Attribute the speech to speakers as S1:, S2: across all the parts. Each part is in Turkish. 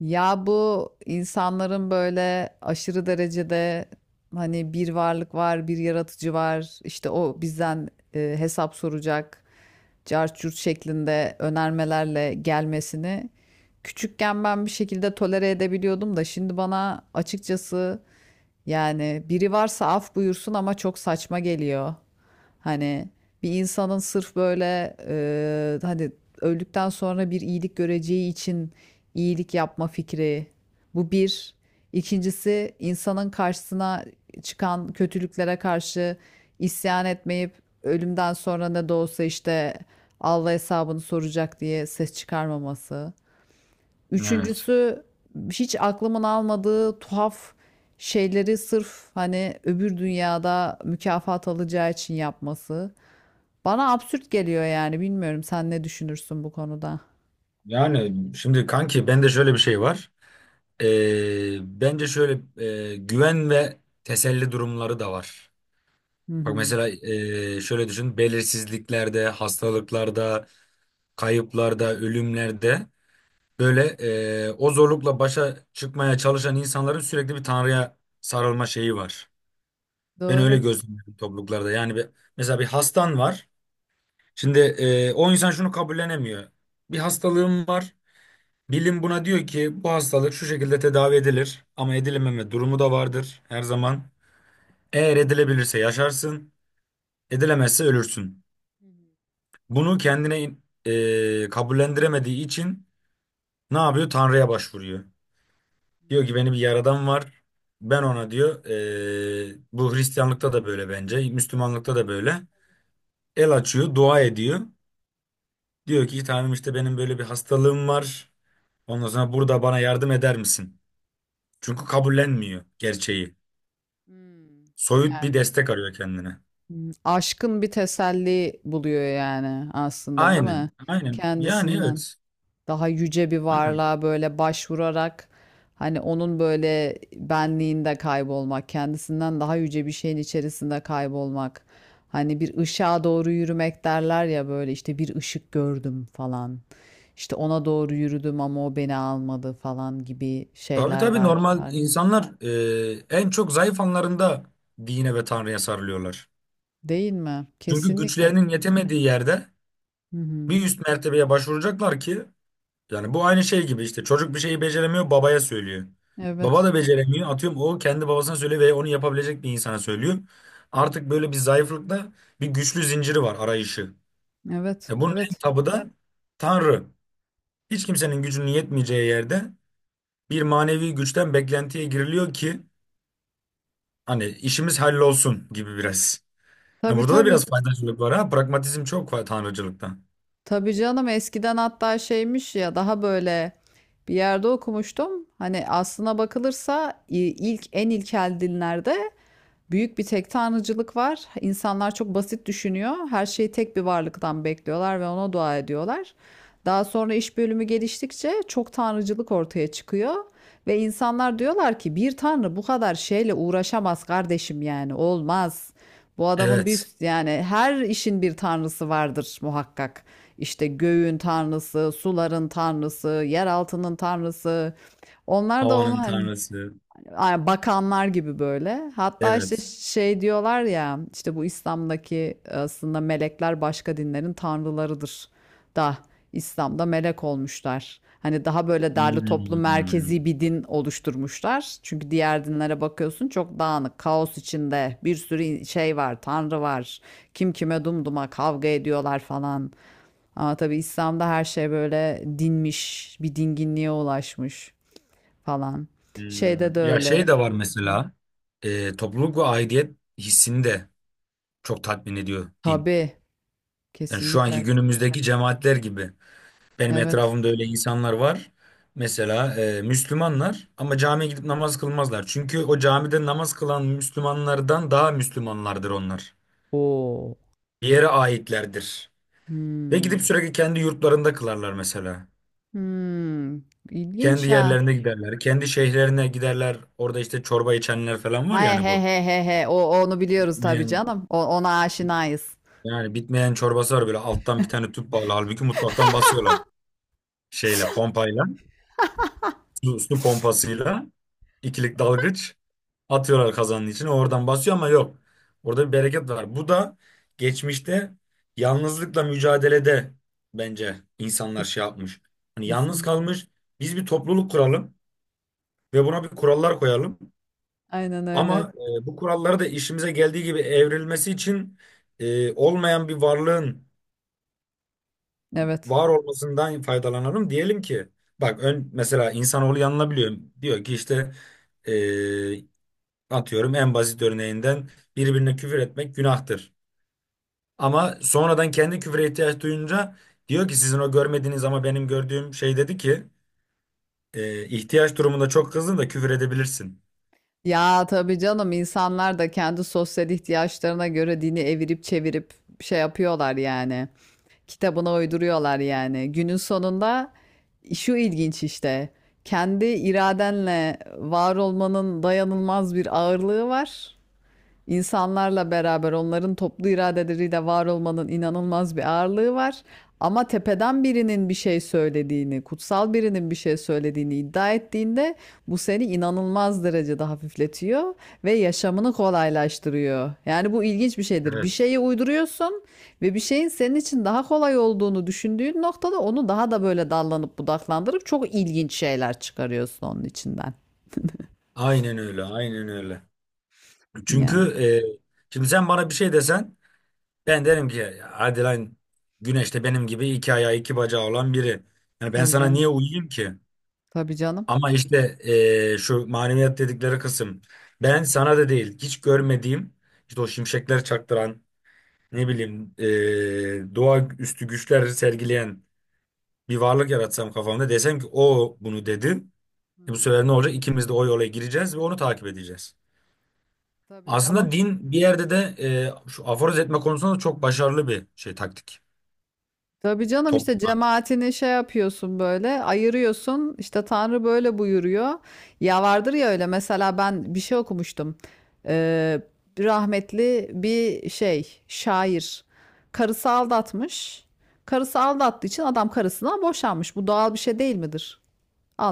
S1: Ya bu insanların böyle aşırı derecede hani bir varlık var, bir yaratıcı var, işte o bizden hesap soracak, cart curt şeklinde önermelerle gelmesini küçükken ben bir şekilde tolere edebiliyordum da şimdi bana açıkçası yani biri varsa af buyursun ama çok saçma geliyor. Hani bir insanın sırf böyle hani öldükten sonra bir iyilik göreceği için iyilik yapma fikri. Bu bir. İkincisi insanın karşısına çıkan kötülüklere karşı isyan etmeyip ölümden sonra ne de olsa işte Allah hesabını soracak diye ses çıkarmaması.
S2: Evet.
S1: Üçüncüsü hiç aklımın almadığı tuhaf şeyleri sırf hani öbür dünyada mükafat alacağı için yapması. Bana absürt geliyor yani bilmiyorum sen ne düşünürsün bu konuda.
S2: Yani şimdi kanki bende şöyle bir şey var. Bence şöyle, güven ve teselli durumları da var.
S1: Hı
S2: Bak
S1: hı.
S2: mesela şöyle düşün. Belirsizliklerde, hastalıklarda, kayıplarda, ölümlerde böyle, o zorlukla başa çıkmaya çalışan insanların sürekli bir Tanrı'ya sarılma şeyi var. Ben öyle
S1: Doğru.
S2: gözlemliyorum topluluklarda. Yani mesela bir hastan var. Şimdi o insan şunu kabullenemiyor. Bir hastalığım var. Bilim buna diyor ki bu hastalık şu şekilde tedavi edilir, ama edilememe durumu da vardır her zaman. Eğer edilebilirse yaşarsın, edilemezse ölürsün. Bunu kendine kabullendiremediği için ne yapıyor? Tanrı'ya başvuruyor. Diyor ki beni bir yaradan var. Ben ona diyor, bu Hristiyanlıkta da böyle bence, Müslümanlıkta da böyle. El açıyor, dua ediyor. Diyor ki Tanrım, işte benim böyle bir hastalığım var. Ondan sonra burada bana yardım eder misin? Çünkü kabullenmiyor gerçeği.
S1: Hmm,
S2: Soyut
S1: yani
S2: bir destek arıyor kendine.
S1: hmm, aşkın bir teselli buluyor yani aslında değil mi?
S2: Aynen, aynen. Yani evet.
S1: Kendisinden daha yüce bir
S2: Aynen.
S1: varlığa böyle başvurarak hani onun böyle benliğinde kaybolmak, kendisinden daha yüce bir şeyin içerisinde kaybolmak. Hani bir ışığa doğru yürümek derler ya böyle işte bir ışık gördüm falan. İşte ona doğru yürüdüm ama o beni almadı falan gibi
S2: Tabii,
S1: şeyler
S2: tabii,
S1: var,
S2: normal
S1: var ya.
S2: insanlar en çok zayıf anlarında dine ve Tanrı'ya sarılıyorlar.
S1: Değil mi?
S2: Çünkü
S1: Kesinlikle.
S2: güçlerinin yetemediği yerde
S1: Hı hı.
S2: bir üst mertebeye başvuracaklar ki, yani bu aynı şey gibi, işte çocuk bir şeyi beceremiyor babaya söylüyor. Baba
S1: Evet.
S2: da beceremiyor, atıyorum, o kendi babasına söylüyor ve onu yapabilecek bir insana söylüyor. Artık böyle bir zayıflıkta bir güçlü zinciri var arayışı.
S1: Evet,
S2: Bunun en
S1: evet.
S2: tabı da Tanrı. Hiç kimsenin gücünün yetmeyeceği yerde bir manevi güçten beklentiye giriliyor ki hani işimiz hallolsun gibi biraz. Ha,
S1: Tabii,
S2: burada da
S1: tabii.
S2: biraz faydacılık var, ha. Pragmatizm çok var tanrıcılıkta.
S1: Tabii canım eskiden hatta şeymiş ya daha böyle bir yerde okumuştum. Hani aslına bakılırsa ilk en ilkel dinlerde büyük bir tek tanrıcılık var. İnsanlar çok basit düşünüyor. Her şeyi tek bir varlıktan bekliyorlar ve ona dua ediyorlar. Daha sonra iş bölümü geliştikçe çok tanrıcılık ortaya çıkıyor ve insanlar diyorlar ki bir tanrı bu kadar şeyle uğraşamaz kardeşim yani olmaz. Bu adamın bir
S2: Evet.
S1: yani her işin bir tanrısı vardır muhakkak. İşte göğün tanrısı, suların tanrısı, yer altının tanrısı. Onlar da onu
S2: Havanın
S1: hani
S2: tanrısı.
S1: ay, bakanlar gibi böyle. Hatta işte
S2: Evet.
S1: şey diyorlar ya işte bu İslam'daki aslında melekler başka dinlerin tanrılarıdır da İslam'da melek olmuşlar. Hani daha böyle derli toplu
S2: Hmm.
S1: merkezi bir din oluşturmuşlar. Çünkü diğer dinlere bakıyorsun çok dağınık, kaos içinde bir sürü şey var, tanrı var. Kim kime dumduma kavga ediyorlar falan. Ama tabii İslam'da her şey böyle dinmiş, bir dinginliğe ulaşmış falan. Şeyde de
S2: Hmm. Ya şey
S1: öyle.
S2: de var
S1: Hı hı.
S2: mesela. Topluluk ve aidiyet hissini de çok tatmin ediyor din.
S1: Tabii,
S2: Yani şu anki
S1: kesinlikle.
S2: günümüzdeki cemaatler gibi. Benim
S1: Evet.
S2: etrafımda öyle insanlar var. Mesela Müslümanlar, ama camiye gidip namaz kılmazlar. Çünkü o camide namaz kılan Müslümanlardan daha Müslümanlardır onlar.
S1: Oo.
S2: Bir yere aitlerdir. Ve gidip
S1: Hmm.
S2: sürekli kendi yurtlarında kılarlar mesela.
S1: Hmm.
S2: Kendi
S1: İlginç ha.
S2: yerlerine giderler. Kendi şehirlerine giderler. Orada işte çorba içenler falan
S1: He
S2: var, yani
S1: he
S2: bu.
S1: he he he. O onu biliyoruz tabii
S2: Bitmeyen,
S1: canım. O, ona aşinayız.
S2: yani bitmeyen çorbası var, böyle alttan bir tane tüp bağlı. Halbuki mutfaktan basıyorlar şeyle, pompayla. Su pompasıyla. İkilik dalgıç atıyorlar kazanın içine, oradan basıyor, ama yok. Orada bir bereket var. Bu da geçmişte yalnızlıkla mücadelede bence insanlar
S1: Kes-
S2: şey yapmış. Hani yalnız
S1: Kesinlikle.
S2: kalmış. Biz bir topluluk kuralım ve buna bir kurallar koyalım.
S1: Aynen öyle.
S2: Ama bu kuralları da işimize geldiği gibi evrilmesi için olmayan bir varlığın
S1: Evet.
S2: var olmasından faydalanalım. Diyelim ki bak, ön mesela insanoğlu yanılabiliyor. Diyor ki işte, e, atıyorum, en basit örneğinden birbirine küfür etmek günahtır. Ama sonradan kendi küfüre ihtiyaç duyunca diyor ki sizin o görmediğiniz ama benim gördüğüm şey dedi ki ihtiyaç durumunda çok kızdın da küfür edebilirsin.
S1: Ya tabii canım insanlar da kendi sosyal ihtiyaçlarına göre dini evirip çevirip şey yapıyorlar yani. Kitabına uyduruyorlar yani. Günün sonunda şu ilginç işte. Kendi iradenle var olmanın dayanılmaz bir ağırlığı var. İnsanlarla beraber onların toplu iradeleriyle var olmanın inanılmaz bir ağırlığı var. Ama tepeden birinin bir şey söylediğini, kutsal birinin bir şey söylediğini iddia ettiğinde bu seni inanılmaz derecede hafifletiyor ve yaşamını kolaylaştırıyor. Yani bu ilginç bir şeydir. Bir
S2: Evet.
S1: şeyi uyduruyorsun ve bir şeyin senin için daha kolay olduğunu düşündüğün noktada onu daha da böyle dallanıp budaklandırıp çok ilginç şeyler çıkarıyorsun onun içinden.
S2: Aynen öyle, aynen öyle. Çünkü
S1: Yani
S2: şimdi sen bana bir şey desen ben derim ki, hadi lan, Güneş benim gibi iki ayağı iki bacağı olan biri. Yani ben
S1: tabii
S2: sana
S1: canım.
S2: niye uyuyayım ki?
S1: Tabii canım.
S2: Ama işte şu maneviyat dedikleri kısım. Ben sana da değil, hiç görmediğim, işte o şimşekler çaktıran, ne bileyim, doğa üstü güçler sergileyen bir varlık yaratsam kafamda, desem ki o bunu dedi. Bu
S1: Hı.
S2: sefer ne olacak? İkimiz de o yola gireceğiz ve onu takip edeceğiz.
S1: Tabii
S2: Aslında
S1: canım.
S2: din bir yerde de şu aforoz etme konusunda da çok başarılı bir şey, taktik.
S1: Tabii canım
S2: Top,
S1: işte cemaatini şey yapıyorsun böyle ayırıyorsun işte Tanrı böyle buyuruyor. Ya vardır ya öyle mesela ben bir şey okumuştum. Ee, Rahmetli bir şey şair karısı aldatmış. Karısı aldattığı için adam karısından boşanmış. Bu doğal bir şey değil midir?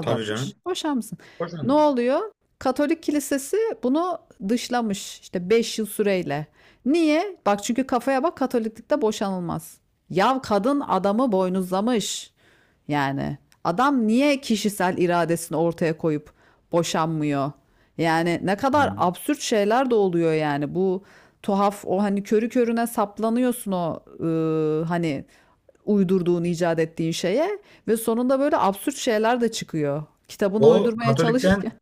S2: tabii canım.
S1: boşanmışsın. Ne
S2: Hoşlanmış.
S1: oluyor? Katolik kilisesi bunu dışlamış işte 5 yıl süreyle. Niye? Bak çünkü kafaya bak Katoliklikte boşanılmaz. Yav kadın adamı boynuzlamış. Yani adam niye kişisel iradesini ortaya koyup boşanmıyor? Yani ne
S2: Hı
S1: kadar
S2: hı.
S1: absürt şeyler de oluyor yani bu tuhaf o hani körü körüne saplanıyorsun o hani uydurduğun icat ettiğin şeye ve sonunda böyle absürt şeyler de çıkıyor. Kitabını
S2: O
S1: uydurmaya çalışırken.
S2: Katolik'ten,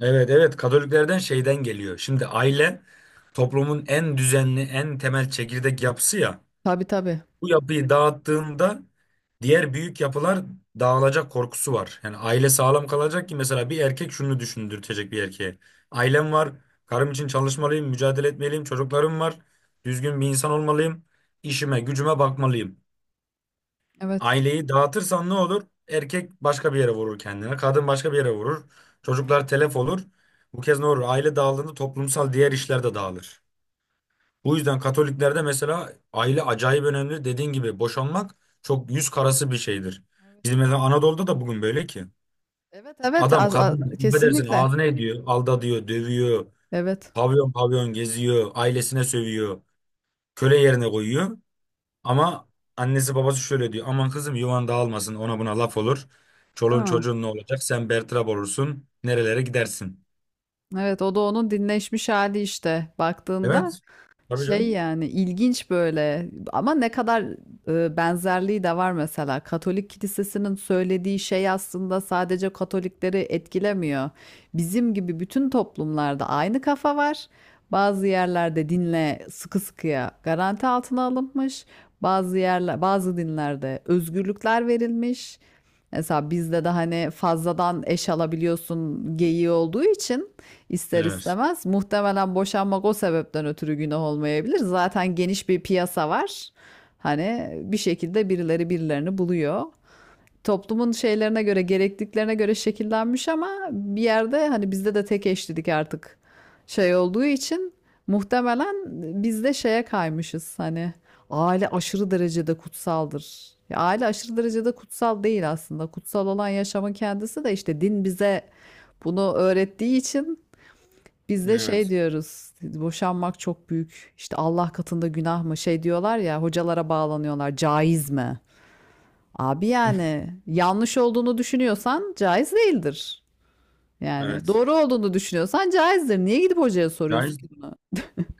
S2: evet, evet, Katoliklerden şeyden geliyor. Şimdi aile toplumun en düzenli, en temel çekirdek yapısı ya.
S1: Tabii, tabii.
S2: Bu yapıyı dağıttığında diğer büyük yapılar dağılacak korkusu var. Yani aile sağlam kalacak ki mesela bir erkek şunu düşündürtecek bir erkeğe. Ailem var, karım için çalışmalıyım, mücadele etmeliyim, çocuklarım var, düzgün bir insan olmalıyım, işime, gücüme bakmalıyım.
S1: Evet.
S2: Aileyi dağıtırsan ne olur? Erkek başka bir yere vurur kendine. Kadın başka bir yere vurur. Çocuklar telef olur. Bu kez ne olur? Aile dağıldığında toplumsal diğer işler de dağılır. Bu yüzden Katoliklerde mesela aile acayip önemli. Dediğin gibi boşanmak çok yüz karası bir şeydir.
S1: Evet.
S2: Bizim mesela Anadolu'da da bugün böyle ki.
S1: Evet, evet,
S2: Adam kadın, affedersin,
S1: kesinlikle.
S2: ağzına ediyor. Aldatıyor, dövüyor.
S1: Evet.
S2: Pavyon pavyon geziyor. Ailesine sövüyor. Köle yerine koyuyor. Ama annesi babası şöyle diyor: aman kızım yuvan dağılmasın, ona buna laf olur.
S1: Değil
S2: Çoluğun
S1: mi?
S2: çocuğun ne olacak? Sen bertrab olursun. Nerelere gidersin?
S1: Evet, o da onun dinleşmiş hali işte
S2: Evet.
S1: baktığında
S2: Tabii
S1: şey
S2: canım.
S1: yani ilginç böyle ama ne kadar benzerliği de var mesela. Katolik kilisesinin söylediği şey aslında sadece Katolikleri etkilemiyor. Bizim gibi bütün toplumlarda aynı kafa var. Bazı yerlerde dinle sıkı sıkıya garanti altına alınmış. Bazı yerler, bazı dinlerde özgürlükler verilmiş. Mesela bizde de hani fazladan eş alabiliyorsun geyiği olduğu için ister
S2: Evet.
S1: istemez. Muhtemelen boşanmak o sebepten ötürü günah olmayabilir. Zaten geniş bir piyasa var. Hani bir şekilde birileri birilerini buluyor. Toplumun şeylerine göre, gerekliliklerine göre şekillenmiş ama bir yerde hani bizde de tek eşlilik artık şey olduğu için muhtemelen bizde şeye kaymışız hani aile aşırı derecede kutsaldır. Ya aile aşırı derecede kutsal değil aslında. Kutsal olan yaşamın kendisi de işte din bize bunu öğrettiği için biz de şey
S2: Evet.
S1: diyoruz, boşanmak çok büyük, işte Allah katında günah mı şey diyorlar ya, hocalara bağlanıyorlar, caiz mi? Abi yani yanlış olduğunu düşünüyorsan caiz değildir. Yani
S2: Evet.
S1: doğru olduğunu düşünüyorsan caizdir. Niye gidip hocaya
S2: Yani,
S1: soruyorsun ki bunu?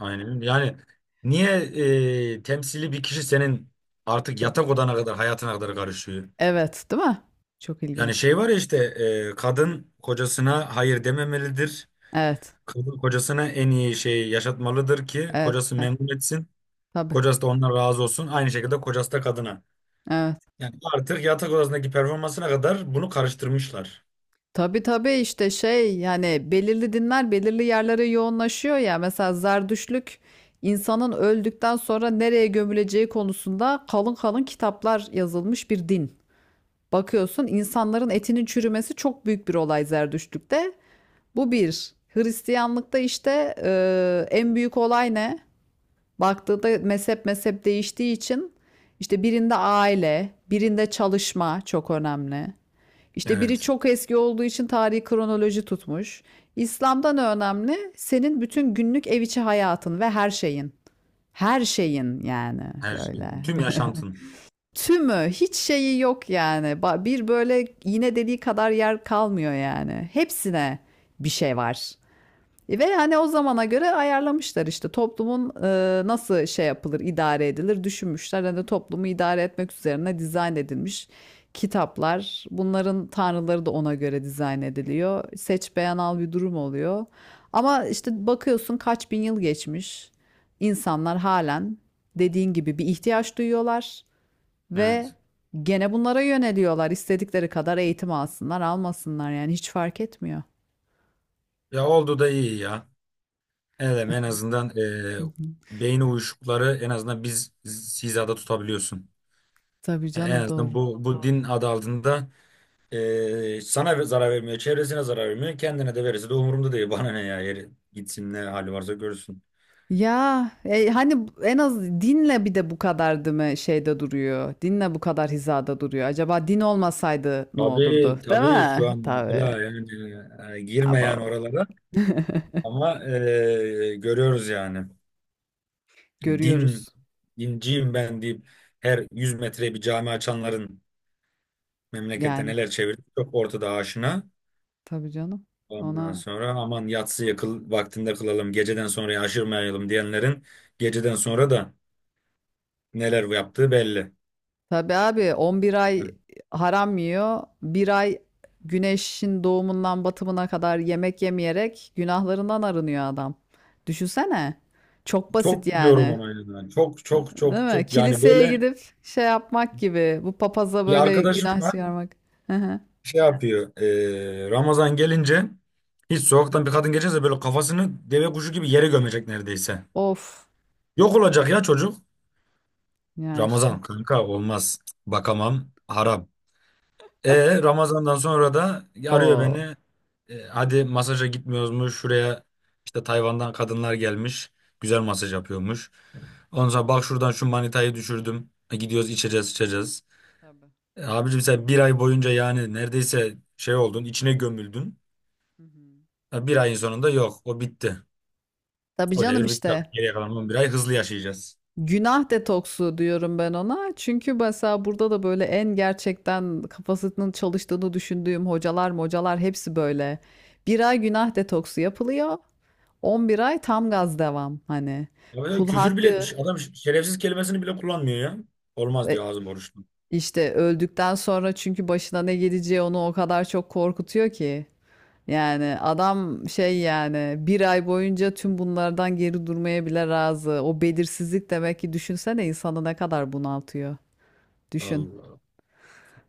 S2: aynen. Yani niye temsili bir kişi senin artık yatak odana kadar, hayatına kadar karışıyor?
S1: Evet, değil mi? Çok
S2: Yani
S1: ilginç.
S2: şey var ya işte, kadın kocasına hayır dememelidir.
S1: Evet,
S2: Kadın kocasına en iyi şeyi yaşatmalıdır ki
S1: evet,
S2: kocası
S1: evet.
S2: memnun etsin.
S1: Tabii,
S2: Kocası da ondan razı olsun. Aynı şekilde kocası da kadına.
S1: evet.
S2: Yani artık yatak odasındaki performansına kadar bunu karıştırmışlar.
S1: Tabii, tabii işte şey yani belirli dinler belirli yerlere yoğunlaşıyor ya. Mesela Zerdüştlük insanın öldükten sonra nereye gömüleceği konusunda kalın kalın kitaplar yazılmış bir din. Bakıyorsun insanların etinin çürümesi çok büyük bir olay Zerdüştlük'te. Bu bir. Hristiyanlıkta işte en büyük olay ne? Baktığında mezhep mezhep değiştiği için işte birinde aile, birinde çalışma çok önemli. İşte biri
S2: Evet.
S1: çok eski olduğu için tarihi kronoloji tutmuş. İslam'dan önemli senin bütün günlük ev içi hayatın ve her şeyin. Her şeyin yani
S2: Her
S1: böyle.
S2: şeyin. Tüm yaşantın.
S1: Tümü hiç şeyi yok yani. Bir böyle iğne deliği kadar yer kalmıyor yani. Hepsine bir şey var. Ve hani o zamana göre ayarlamışlar işte toplumun nasıl şey yapılır, idare edilir düşünmüşler. Hani toplumu idare etmek üzerine dizayn edilmiş kitaplar. Bunların tanrıları da ona göre dizayn ediliyor. Seç beğen al bir durum oluyor. Ama işte bakıyorsun kaç bin yıl geçmiş. İnsanlar halen dediğin gibi bir ihtiyaç duyuyorlar ve
S2: Evet.
S1: gene bunlara yöneliyorlar. İstedikleri kadar eğitim alsınlar, almasınlar yani hiç fark etmiyor.
S2: Ya oldu da iyi ya. Evet, en azından
S1: Hı hı.
S2: beyin uyuşukları en azından biz hizada tutabiliyorsun.
S1: Tabii
S2: Yani en
S1: canım doğru.
S2: azından bu din adı altında sana zarar vermiyor, çevresine zarar vermiyor. Kendine de verirse de umurumda değil. Bana ne ya, yeri gitsin, ne hali varsa görsün.
S1: Ya, hani en az dinle bir de bu kadar değil mi şeyde duruyor. Dinle bu kadar hizada duruyor. Acaba din olmasaydı ne olurdu?
S2: Tabii,
S1: Değil
S2: tabii, şu
S1: mi?
S2: an
S1: Tabii.
S2: mesela, yani girme
S1: Abo.
S2: yani oralara. Ama görüyoruz yani. Din,
S1: Görüyoruz
S2: dinciyim ben deyip her 100 metreye bir cami açanların memlekette
S1: yani.
S2: neler çevirdi çok ortada, aşina.
S1: Tabii canım.
S2: Ondan
S1: Ona
S2: sonra aman yatsıya kıl, vaktinde kılalım, geceden sonra aşırmayalım diyenlerin geceden sonra da neler yaptığı belli.
S1: tabii abi 11 ay
S2: Yani
S1: haram yiyor. Bir ay güneşin doğumundan batımına kadar yemek yemeyerek günahlarından arınıyor adam. Düşünsene. Çok basit
S2: çok biliyorum
S1: yani.
S2: onu. Yani. Çok çok çok
S1: Değil mi?
S2: çok, yani
S1: Kiliseye
S2: böyle
S1: gidip şey yapmak gibi. Bu papaza
S2: bir
S1: böyle
S2: arkadaşım
S1: günah
S2: var,
S1: çıkarmak. Hı hı.
S2: şey yapıyor. Ramazan gelince hiç sokaktan bir kadın geçerse böyle kafasını deve kuşu gibi yere gömecek neredeyse.
S1: Of.
S2: Yok olacak ya çocuk.
S1: Ya
S2: Ramazan,
S1: işte.
S2: kanka, olmaz. Bakamam, haram. Ramazan'dan sonra da arıyor
S1: O.
S2: beni. Hadi masaja gitmiyoruz mu? Şuraya işte Tayvan'dan kadınlar gelmiş. Güzel masaj yapıyormuş. Ondan sonra, bak, şuradan şu manitayı düşürdüm. Gidiyoruz, içeceğiz içeceğiz.
S1: Tabii.
S2: Abicim sen bir ay boyunca yani neredeyse şey oldun, içine gömüldün.
S1: Hı hı.
S2: Bir ayın sonunda yok, o bitti.
S1: Tabii
S2: O
S1: canım
S2: devir bitti.
S1: işte.
S2: Geriye kalan 11 ay hızlı yaşayacağız.
S1: Günah detoksu diyorum ben ona. Çünkü mesela burada da böyle en gerçekten kafasının çalıştığını düşündüğüm hocalar hepsi böyle. Bir ay günah detoksu yapılıyor. 11 ay tam gaz devam. Hani
S2: Abi
S1: kul
S2: küfür bile,
S1: hakkı
S2: adam şerefsiz kelimesini bile kullanmıyor ya. Olmaz diyor,
S1: e,
S2: ağzım oruçlu.
S1: İşte öldükten sonra çünkü başına ne geleceği onu o kadar çok korkutuyor ki. Yani adam şey yani bir ay boyunca tüm bunlardan geri durmaya bile razı. O belirsizlik demek ki düşünsene insanı ne kadar bunaltıyor. Düşün.
S2: Allah.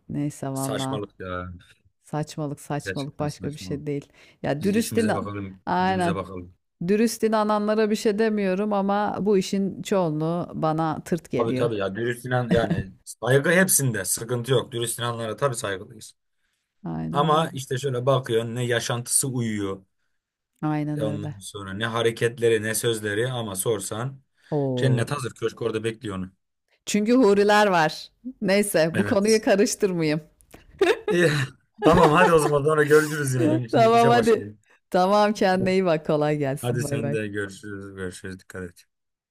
S1: Neyse valla.
S2: Saçmalık ya.
S1: Saçmalık, saçmalık
S2: Gerçekten
S1: başka bir şey
S2: saçmalık.
S1: değil. Ya
S2: Biz
S1: dürüst
S2: işimize
S1: inan.
S2: bakalım, gücümüze
S1: Aynen.
S2: bakalım.
S1: Dürüst inananlara bir şey demiyorum ama bu işin çoğunluğu bana tırt
S2: Tabii,
S1: geliyor.
S2: tabii, ya dürüst inan, yani saygı, hepsinde sıkıntı yok. Dürüst inanlara tabii saygılıyız.
S1: Aynen
S2: Ama
S1: öyle.
S2: işte şöyle bakıyorsun, ne yaşantısı uyuyor.
S1: Aynen öyle.
S2: Ondan sonra ne hareketleri, ne sözleri, ama sorsan
S1: Oo.
S2: cennet hazır köşk orada bekliyor onu.
S1: Çünkü huriler var. Neyse bu
S2: Evet.
S1: konuyu karıştırmayayım.
S2: Eh, tamam, hadi o zaman sonra görüşürüz yine. Ben şimdi
S1: Tamam
S2: işe
S1: hadi.
S2: başlayayım.
S1: Tamam
S2: Tamam.
S1: kendine iyi bak kolay gelsin.
S2: Hadi
S1: Bay
S2: sen
S1: bay.
S2: de, görüşürüz. Görüşürüz. Dikkat et.